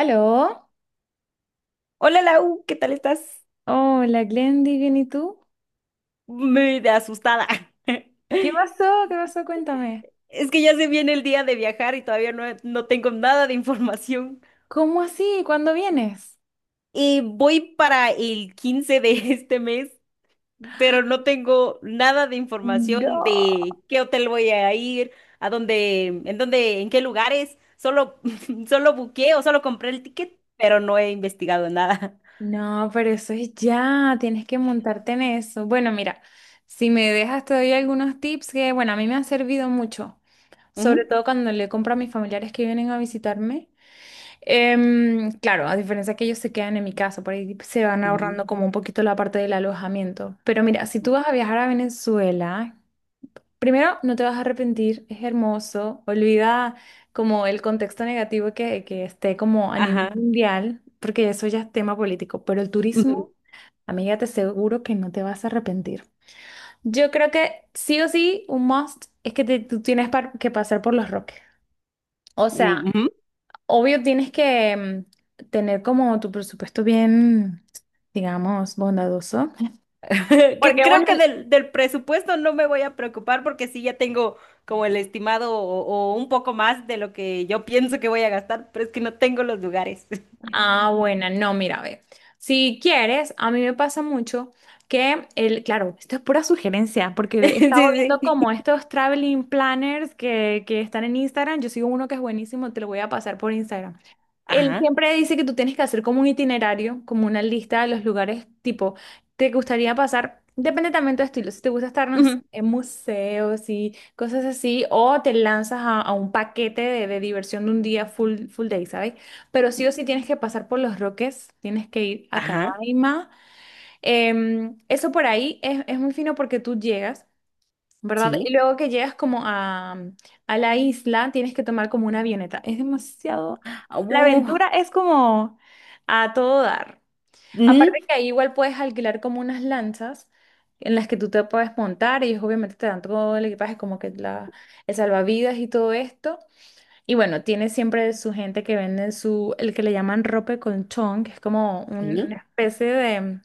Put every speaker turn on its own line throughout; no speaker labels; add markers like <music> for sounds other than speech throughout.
¿Aló?
Hola Lau, ¿qué tal estás?
Hola, Glendy, ¿bien y tú?
Me de asustada.
¿Qué
<laughs>
pasó? ¿Qué pasó? Cuéntame.
Es que ya se viene el día de viajar y todavía no tengo nada de información.
¿Cómo así? ¿Cuándo vienes?
Y voy para el 15 de <laughs> este mes, pero no tengo nada de información
No.
de qué hotel voy a ir, a dónde, en dónde, en qué lugares. Solo, <laughs> solo buqué o solo compré el ticket, pero no he investigado nada.
No, pero eso es ya, tienes que montarte en eso. Bueno, mira, si me dejas te doy algunos tips que, bueno, a mí me han servido mucho,
<laughs>
sobre
Ujú,
todo cuando le compro a mis familiares que vienen a visitarme. Claro, a diferencia que ellos se quedan en mi casa, por ahí se van
ujú,
ahorrando como un poquito la parte del alojamiento. Pero mira, si tú vas a viajar a Venezuela, primero, no te vas a arrepentir, es hermoso. Olvida como el contexto negativo que esté como a nivel
ajá.
mundial, porque eso ya es tema político. Pero el
<laughs> Ujú,
turismo, amiga, te aseguro que no te vas a arrepentir. Yo creo que sí o sí, un must es que tú que pasar por Los Roques. O sea,
ujú,
obvio tienes que tener como tu presupuesto bien, digamos, bondadoso.
<laughs> que
Porque
creo
bueno,
que del presupuesto no me voy a preocupar porque sí ya tengo como el estimado o un poco más de lo que yo pienso que voy a gastar, pero es que no tengo los lugares. <laughs>
ah, buena, no, mira, ve. Si quieres, a mí me pasa mucho que el, claro, esto es pura sugerencia, porque he estado
Sí,
viendo
sí.
como estos traveling planners que están en Instagram. Yo sigo uno que es buenísimo, te lo voy a pasar por Instagram. Él
Ajá.
siempre dice que tú tienes que hacer como un itinerario, como una lista de los lugares, tipo, te gustaría pasar, depende también de tu estilo, si te gusta estar no sé,
Ujú,
en museos y cosas así, o te lanzas a un paquete de diversión de un día full, full day, ¿sabes? Pero sí o sí tienes que pasar por Los Roques, tienes que ir a
ajá.
Canaima. Eso por ahí es muy fino porque tú llegas, ¿verdad? Y
Sí.
luego que llegas como a la isla, tienes que tomar como una avioneta. Es demasiado...
ah,
La
uh,
aventura es como a todo dar. Aparte
ujú,
que ahí igual puedes alquilar como unas lanchas en las que tú te puedes montar y ellos obviamente te dan todo el equipaje como que la, el salvavidas y todo esto. Y bueno, tiene siempre su gente que vende su, el que le llaman rope con chon, que es como una
sí.
especie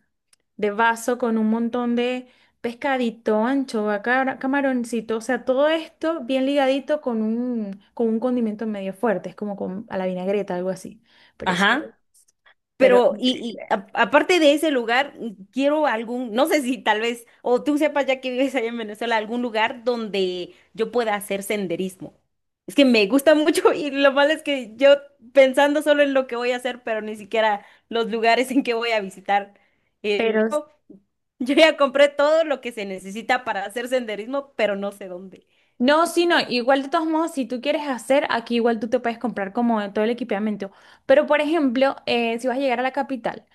de vaso con un montón de pescadito, anchoa, camaroncito, o sea, todo esto bien ligadito con un condimento medio fuerte, es como con, a la vinagreta, algo así. Pero, es-
Ajá.
pero,
Pero, y aparte de ese lugar, quiero algún, no sé si tal vez, o tú sepas ya que vives allá en Venezuela, algún lugar donde yo pueda hacer senderismo. Es que me gusta <laughs> mucho y lo malo es que yo pensando solo en lo que voy a hacer, pero ni siquiera los lugares en que voy a visitar. Eh,
pero,
<laughs> yo yo ya compré todo lo que se necesita para hacer senderismo, pero no sé dónde.
No, sí, no, igual de todos modos, si tú quieres hacer, aquí igual tú te puedes comprar como todo el equipamiento. Pero, por ejemplo, si vas a llegar a la capital,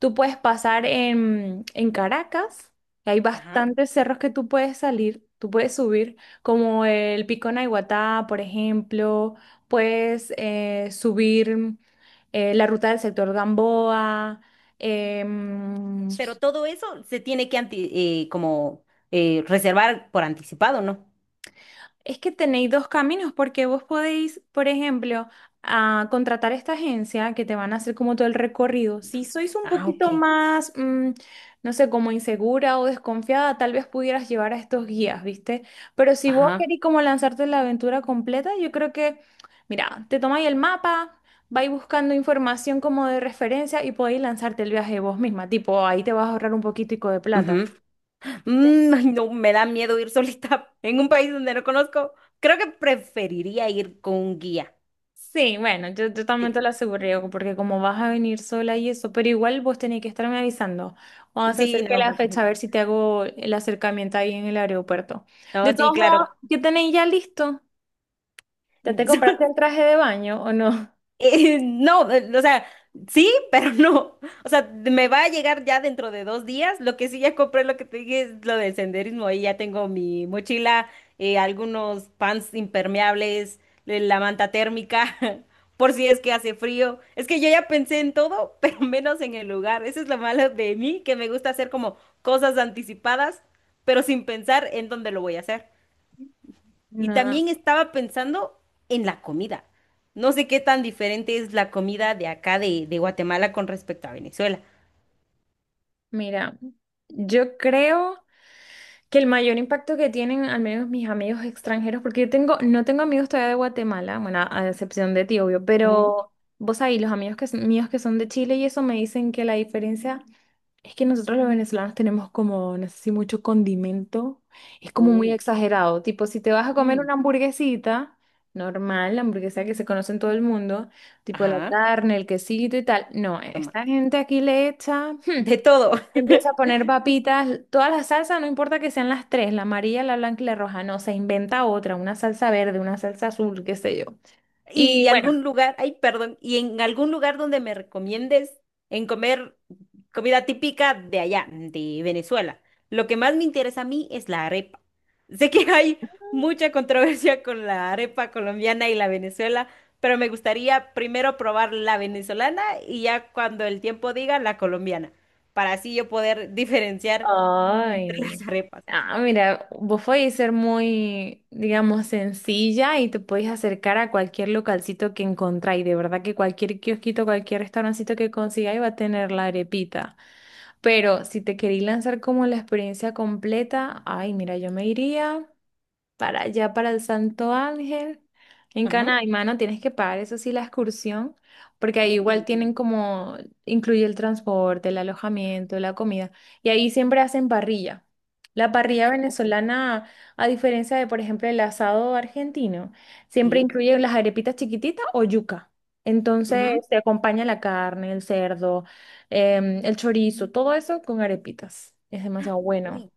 tú puedes pasar en Caracas, que hay
Ajá.
bastantes cerros que tú puedes salir, tú puedes subir, como el Pico Naiguatá, por ejemplo, puedes subir la ruta del sector Gamboa. em,
Pero todo eso se tiene que como reservar por anticipado, ¿no?
Es que tenéis dos caminos porque vos podéis, por ejemplo, a contratar a esta agencia que te van a hacer como todo el recorrido. Si sois un
Ah, ok.
poquito más, no sé, como insegura o desconfiada, tal vez pudieras llevar a estos guías, ¿viste? Pero si vos
Ajá.
querés como lanzarte en la aventura completa, yo creo que, mira, te tomáis el mapa, vais buscando información como de referencia y podéis lanzarte el viaje vos misma. Tipo, ahí te vas a ahorrar un poquitico de plata.
Ujú. Ay, no, me da miedo ir <laughs> solita en un país donde no conozco. Creo que preferiría ir con un guía.
Sí, bueno, yo también te
Sí,
lo aseguro, porque como vas a venir sola y eso, pero igual vos tenés que estarme avisando cuando se
sí,
acerque
no.
la fecha, a ver
<laughs>
si te hago el acercamiento ahí en el aeropuerto.
No,
De
sí,
todos modos,
claro.
¿qué tenéis ya listo? ¿Ya te compraste el
<laughs>
traje de baño o no?
No, o sea, sí, <laughs> pero no. O sea, me va a llegar ya dentro de 2 días. Lo que sí ya compré, lo que te dije es lo del senderismo. Ahí ya tengo mi mochila, algunos pants impermeables, la manta térmica, <laughs> por si es que hace frío. Es que yo ya pensé en todo, <laughs> pero menos en el lugar. Eso es lo malo de mí, que me gusta hacer como cosas anticipadas, pero sin pensar en dónde lo voy a hacer. Y
No,
también estaba pensando en la comida. No sé qué tan diferente es la comida de acá de Guatemala con respecto a Venezuela.
mira, yo creo que el mayor impacto que tienen, al menos mis amigos extranjeros, porque yo tengo, no tengo amigos todavía de Guatemala, bueno, a excepción de ti, obvio,
Ujú.
pero vos ahí, los amigos que, míos que son de Chile y eso me dicen que la diferencia es que nosotros los venezolanos tenemos como, no sé si mucho condimento, es como muy
Uh,
exagerado, tipo si te vas a comer
Mm,
una hamburguesita, normal, la hamburguesa que se conoce en todo el mundo, tipo la
ajá,
carne, el quesito y tal, no,
toma.
esta gente aquí le echa,
De todo. <laughs>
empieza a poner papitas, todas las salsas, no importa que sean las tres, la amarilla, la blanca y la roja, no, se inventa otra, una salsa verde, una salsa azul, qué sé yo. Y
Y
bueno,
algún lugar, ay, perdón, y en algún lugar donde me recomiendes en comer comida típica de allá, de Venezuela. Lo que más me interesa a mí es la arepa. Sé que hay mucha controversia con la arepa colombiana y la Venezuela, pero me gustaría primero probar la venezolana y ya cuando el tiempo diga la colombiana, para así yo poder diferenciar
ay,
entre las
no.
arepas.
Ah, mira, vos podés ser muy, digamos, sencilla y te podés acercar a cualquier localcito que encontráis. De verdad que cualquier kiosquito, cualquier restaurancito que consigáis va a tener la arepita. Pero si te queréis lanzar como la experiencia completa, ay, mira, yo me iría para allá, para el Santo Ángel. En
Ajá.
Canaima, mano, tienes que pagar eso sí la excursión, porque ahí
Uy,
igual
¿cómo se llama?
tienen como, incluye el transporte, el alojamiento, la comida, y ahí siempre hacen parrilla. La parrilla
Ok.
venezolana, a diferencia de, por ejemplo, el asado argentino, siempre
Sí.
incluye las arepitas chiquititas o yuca.
Ujú.
Entonces se acompaña la carne, el cerdo, el chorizo, todo eso con arepitas. Es demasiado bueno.
Uy,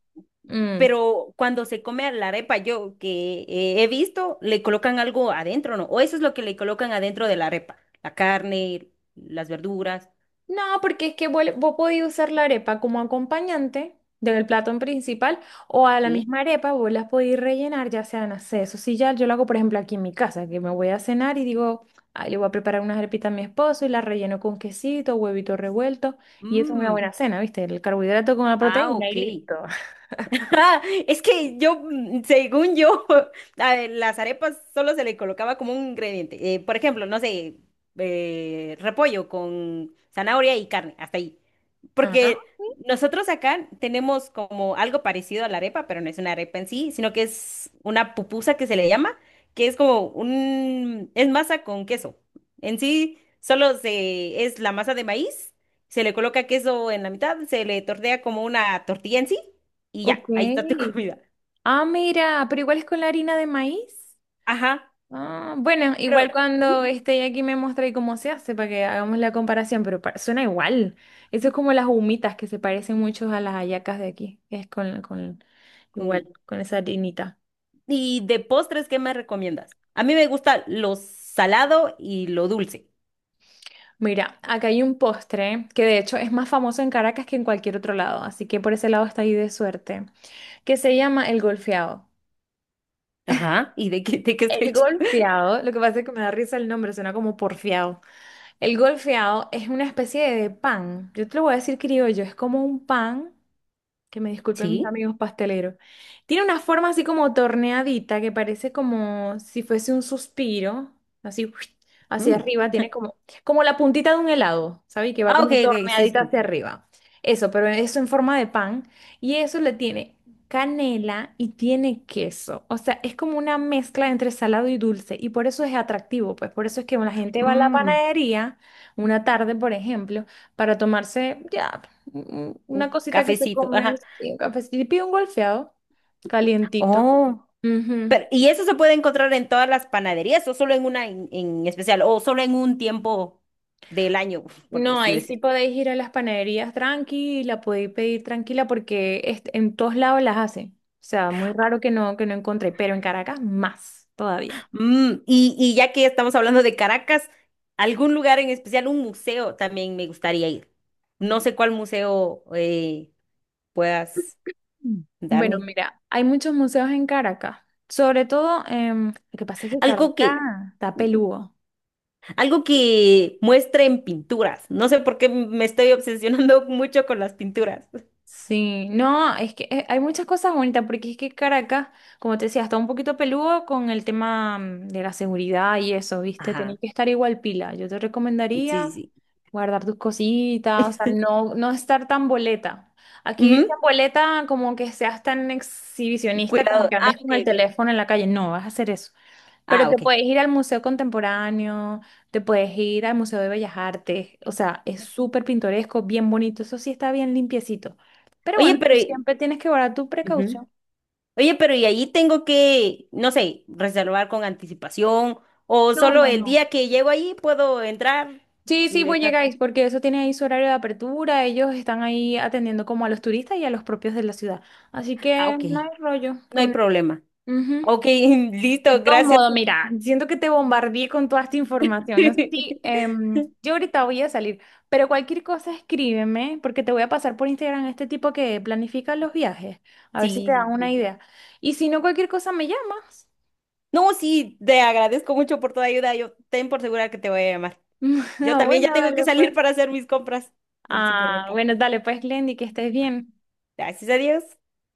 Mm.
pero cuando se come a la arepa, yo que he visto, le colocan algo adentro, ¿no? O eso es lo que le colocan adentro de la arepa, la carne, las verduras,
No, porque es que vos podés usar la arepa como acompañante del plato principal o a la
¿sí?
misma arepa vos las podés rellenar, ya sea, no sé, eso sí, ya yo lo hago, por ejemplo, aquí en mi casa, que me voy a cenar y digo, "Ay, le voy a preparar unas arepitas a mi esposo y las relleno con quesito, huevito revuelto y eso es una
Mm,
buena cena, ¿viste? El carbohidrato con la
ah,
proteína y
ok.
listo. <laughs>
<laughs> Ah, es que yo, según yo, <laughs> a ver, las arepas solo se le colocaba como un ingrediente. Por ejemplo, no sé, repollo con zanahoria y carne, hasta ahí.
Ajá,
Porque nosotros acá tenemos como algo parecido a la arepa, pero no es una arepa en sí, sino que es una pupusa que se le llama, que es como un, es masa con queso. En sí, solo se, es la masa de maíz, se le coloca queso en la mitad, se le tortea como una tortilla en sí y
ok.
ya, ahí está tu <laughs> comida.
Ah, mira, pero igual es con la harina de maíz.
Ajá,
Ah, bueno,
pero
igual cuando
ujú,
esté aquí me mostré cómo se hace para que hagamos la comparación, pero suena igual. Eso es como las humitas que se parecen mucho a las hallacas de aquí, que es con igual,
con-
con esa harinita.
¿Y de postres qué me recomiendas? A mí me gusta lo salado y lo dulce.
Mira, acá hay un postre que de hecho es más famoso en Caracas que en cualquier otro lado, así que por ese lado está ahí de suerte, que se llama el golfeado.
Ajá, ¿y de qué está
El
hecho?
golfeado, lo que pasa es que me da risa el nombre, suena como porfiado. El golfeado es una especie de pan. Yo te lo voy a decir criollo, es como un pan. Que me disculpen mis
Sí.
amigos pasteleros. Tiene una forma así como torneadita que parece como si fuese un suspiro, así <sniffs> ¡uish! Hacia
Mm.
arriba, tiene como, como la puntita de un helado, ¿sabes? Que va
Ah, ok,
como
ok, sí, sí.
torneadita
Sí.
hacia arriba. Eso, pero eso en forma de pan. Y eso le tiene canela y tiene queso. O sea, es como una mezcla entre salado y dulce. Y por eso es atractivo, pues por eso es que la gente va a la
Mm,
panadería una tarde, por ejemplo, para tomarse ya
un
una cosita que te
cafecito, ajá.
comes, sí, un cafecito, y pido un golfeado calientito.
Oh,
Ujú.
pero ¿y eso se puede encontrar en todas las panaderías o solo en una en especial o solo en un tiempo del año, <laughs> por
No, ahí sí
decir.
podéis ir a las panaderías tranquila, podéis pedir tranquila porque en todos lados las hacen. O sea, muy raro que no encontré, pero en Caracas más todavía.
Mm, y ya que estamos hablando de Caracas, algún lugar en especial, un museo también me gustaría ir. No sé cuál museo puedas
Mm. Bueno,
darme.
mira, hay muchos museos en Caracas, sobre todo, lo que pasa es que Caracas
Algo que,
está peludo.
algo que muestre en pinturas. No sé por qué me estoy obsesionando <laughs> mucho con las pinturas.
Sí, no, es que hay muchas cosas bonitas, porque es que Caracas, como te decía, está un poquito peludo con el tema de la seguridad y eso, ¿viste? Tenés
Ajá,
que estar igual pila. Yo te
sí,
recomendaría
sí, sí.
guardar tus cositas, o sea, no estar tan boleta. Aquí
Ujú,
dicen boleta como que seas tan exhibicionista, como
cuidado.
que
Ah,
andes
ok,
con el
ok.
teléfono en la calle. No, vas a hacer eso. Pero
Ah,
te
ok.
puedes ir al Museo Contemporáneo, te puedes ir al Museo de Bellas Artes, o sea, es súper pintoresco, bien bonito, eso sí está bien limpiecito. Pero
Oye,
bueno, tú
pero...
siempre tienes que guardar tu
ujú.
precaución.
Oye, pero ¿y ahí tengo que, no sé, reservar con anticipación o
No,
solo
no,
el
no.
día que llego ahí puedo entrar
Sí, sí,
y
pues
dejar?
llegáis, porque eso tiene ahí su horario de apertura, ellos están ahí atendiendo como a los turistas y a los propios de la ciudad. Así
Ah,
que
ok,
no hay rollo
no hay
con...
problema.
Ujú.
Ok, <laughs>
De
listo,
todos
gracias.
modos, mira, siento que te bombardeé con toda esta información. No sé si
<laughs>
yo ahorita voy a salir, pero cualquier cosa escríbeme, porque te voy a pasar por Instagram este tipo que planifica los viajes, a ver si te
Sí, sí,
dan una
sí.
idea. Y si no, cualquier cosa me llamas.
No, sí, te agradezco mucho por toda ayuda. Yo ten por segura que te voy a llamar.
<laughs>
Yo
Ah,
también ya
bueno,
tengo que
dale pues.
salir para hacer mis compras del
Ah,
supermercado.
bueno, dale pues, Glendy, que estés bien.
Gracias a Dios.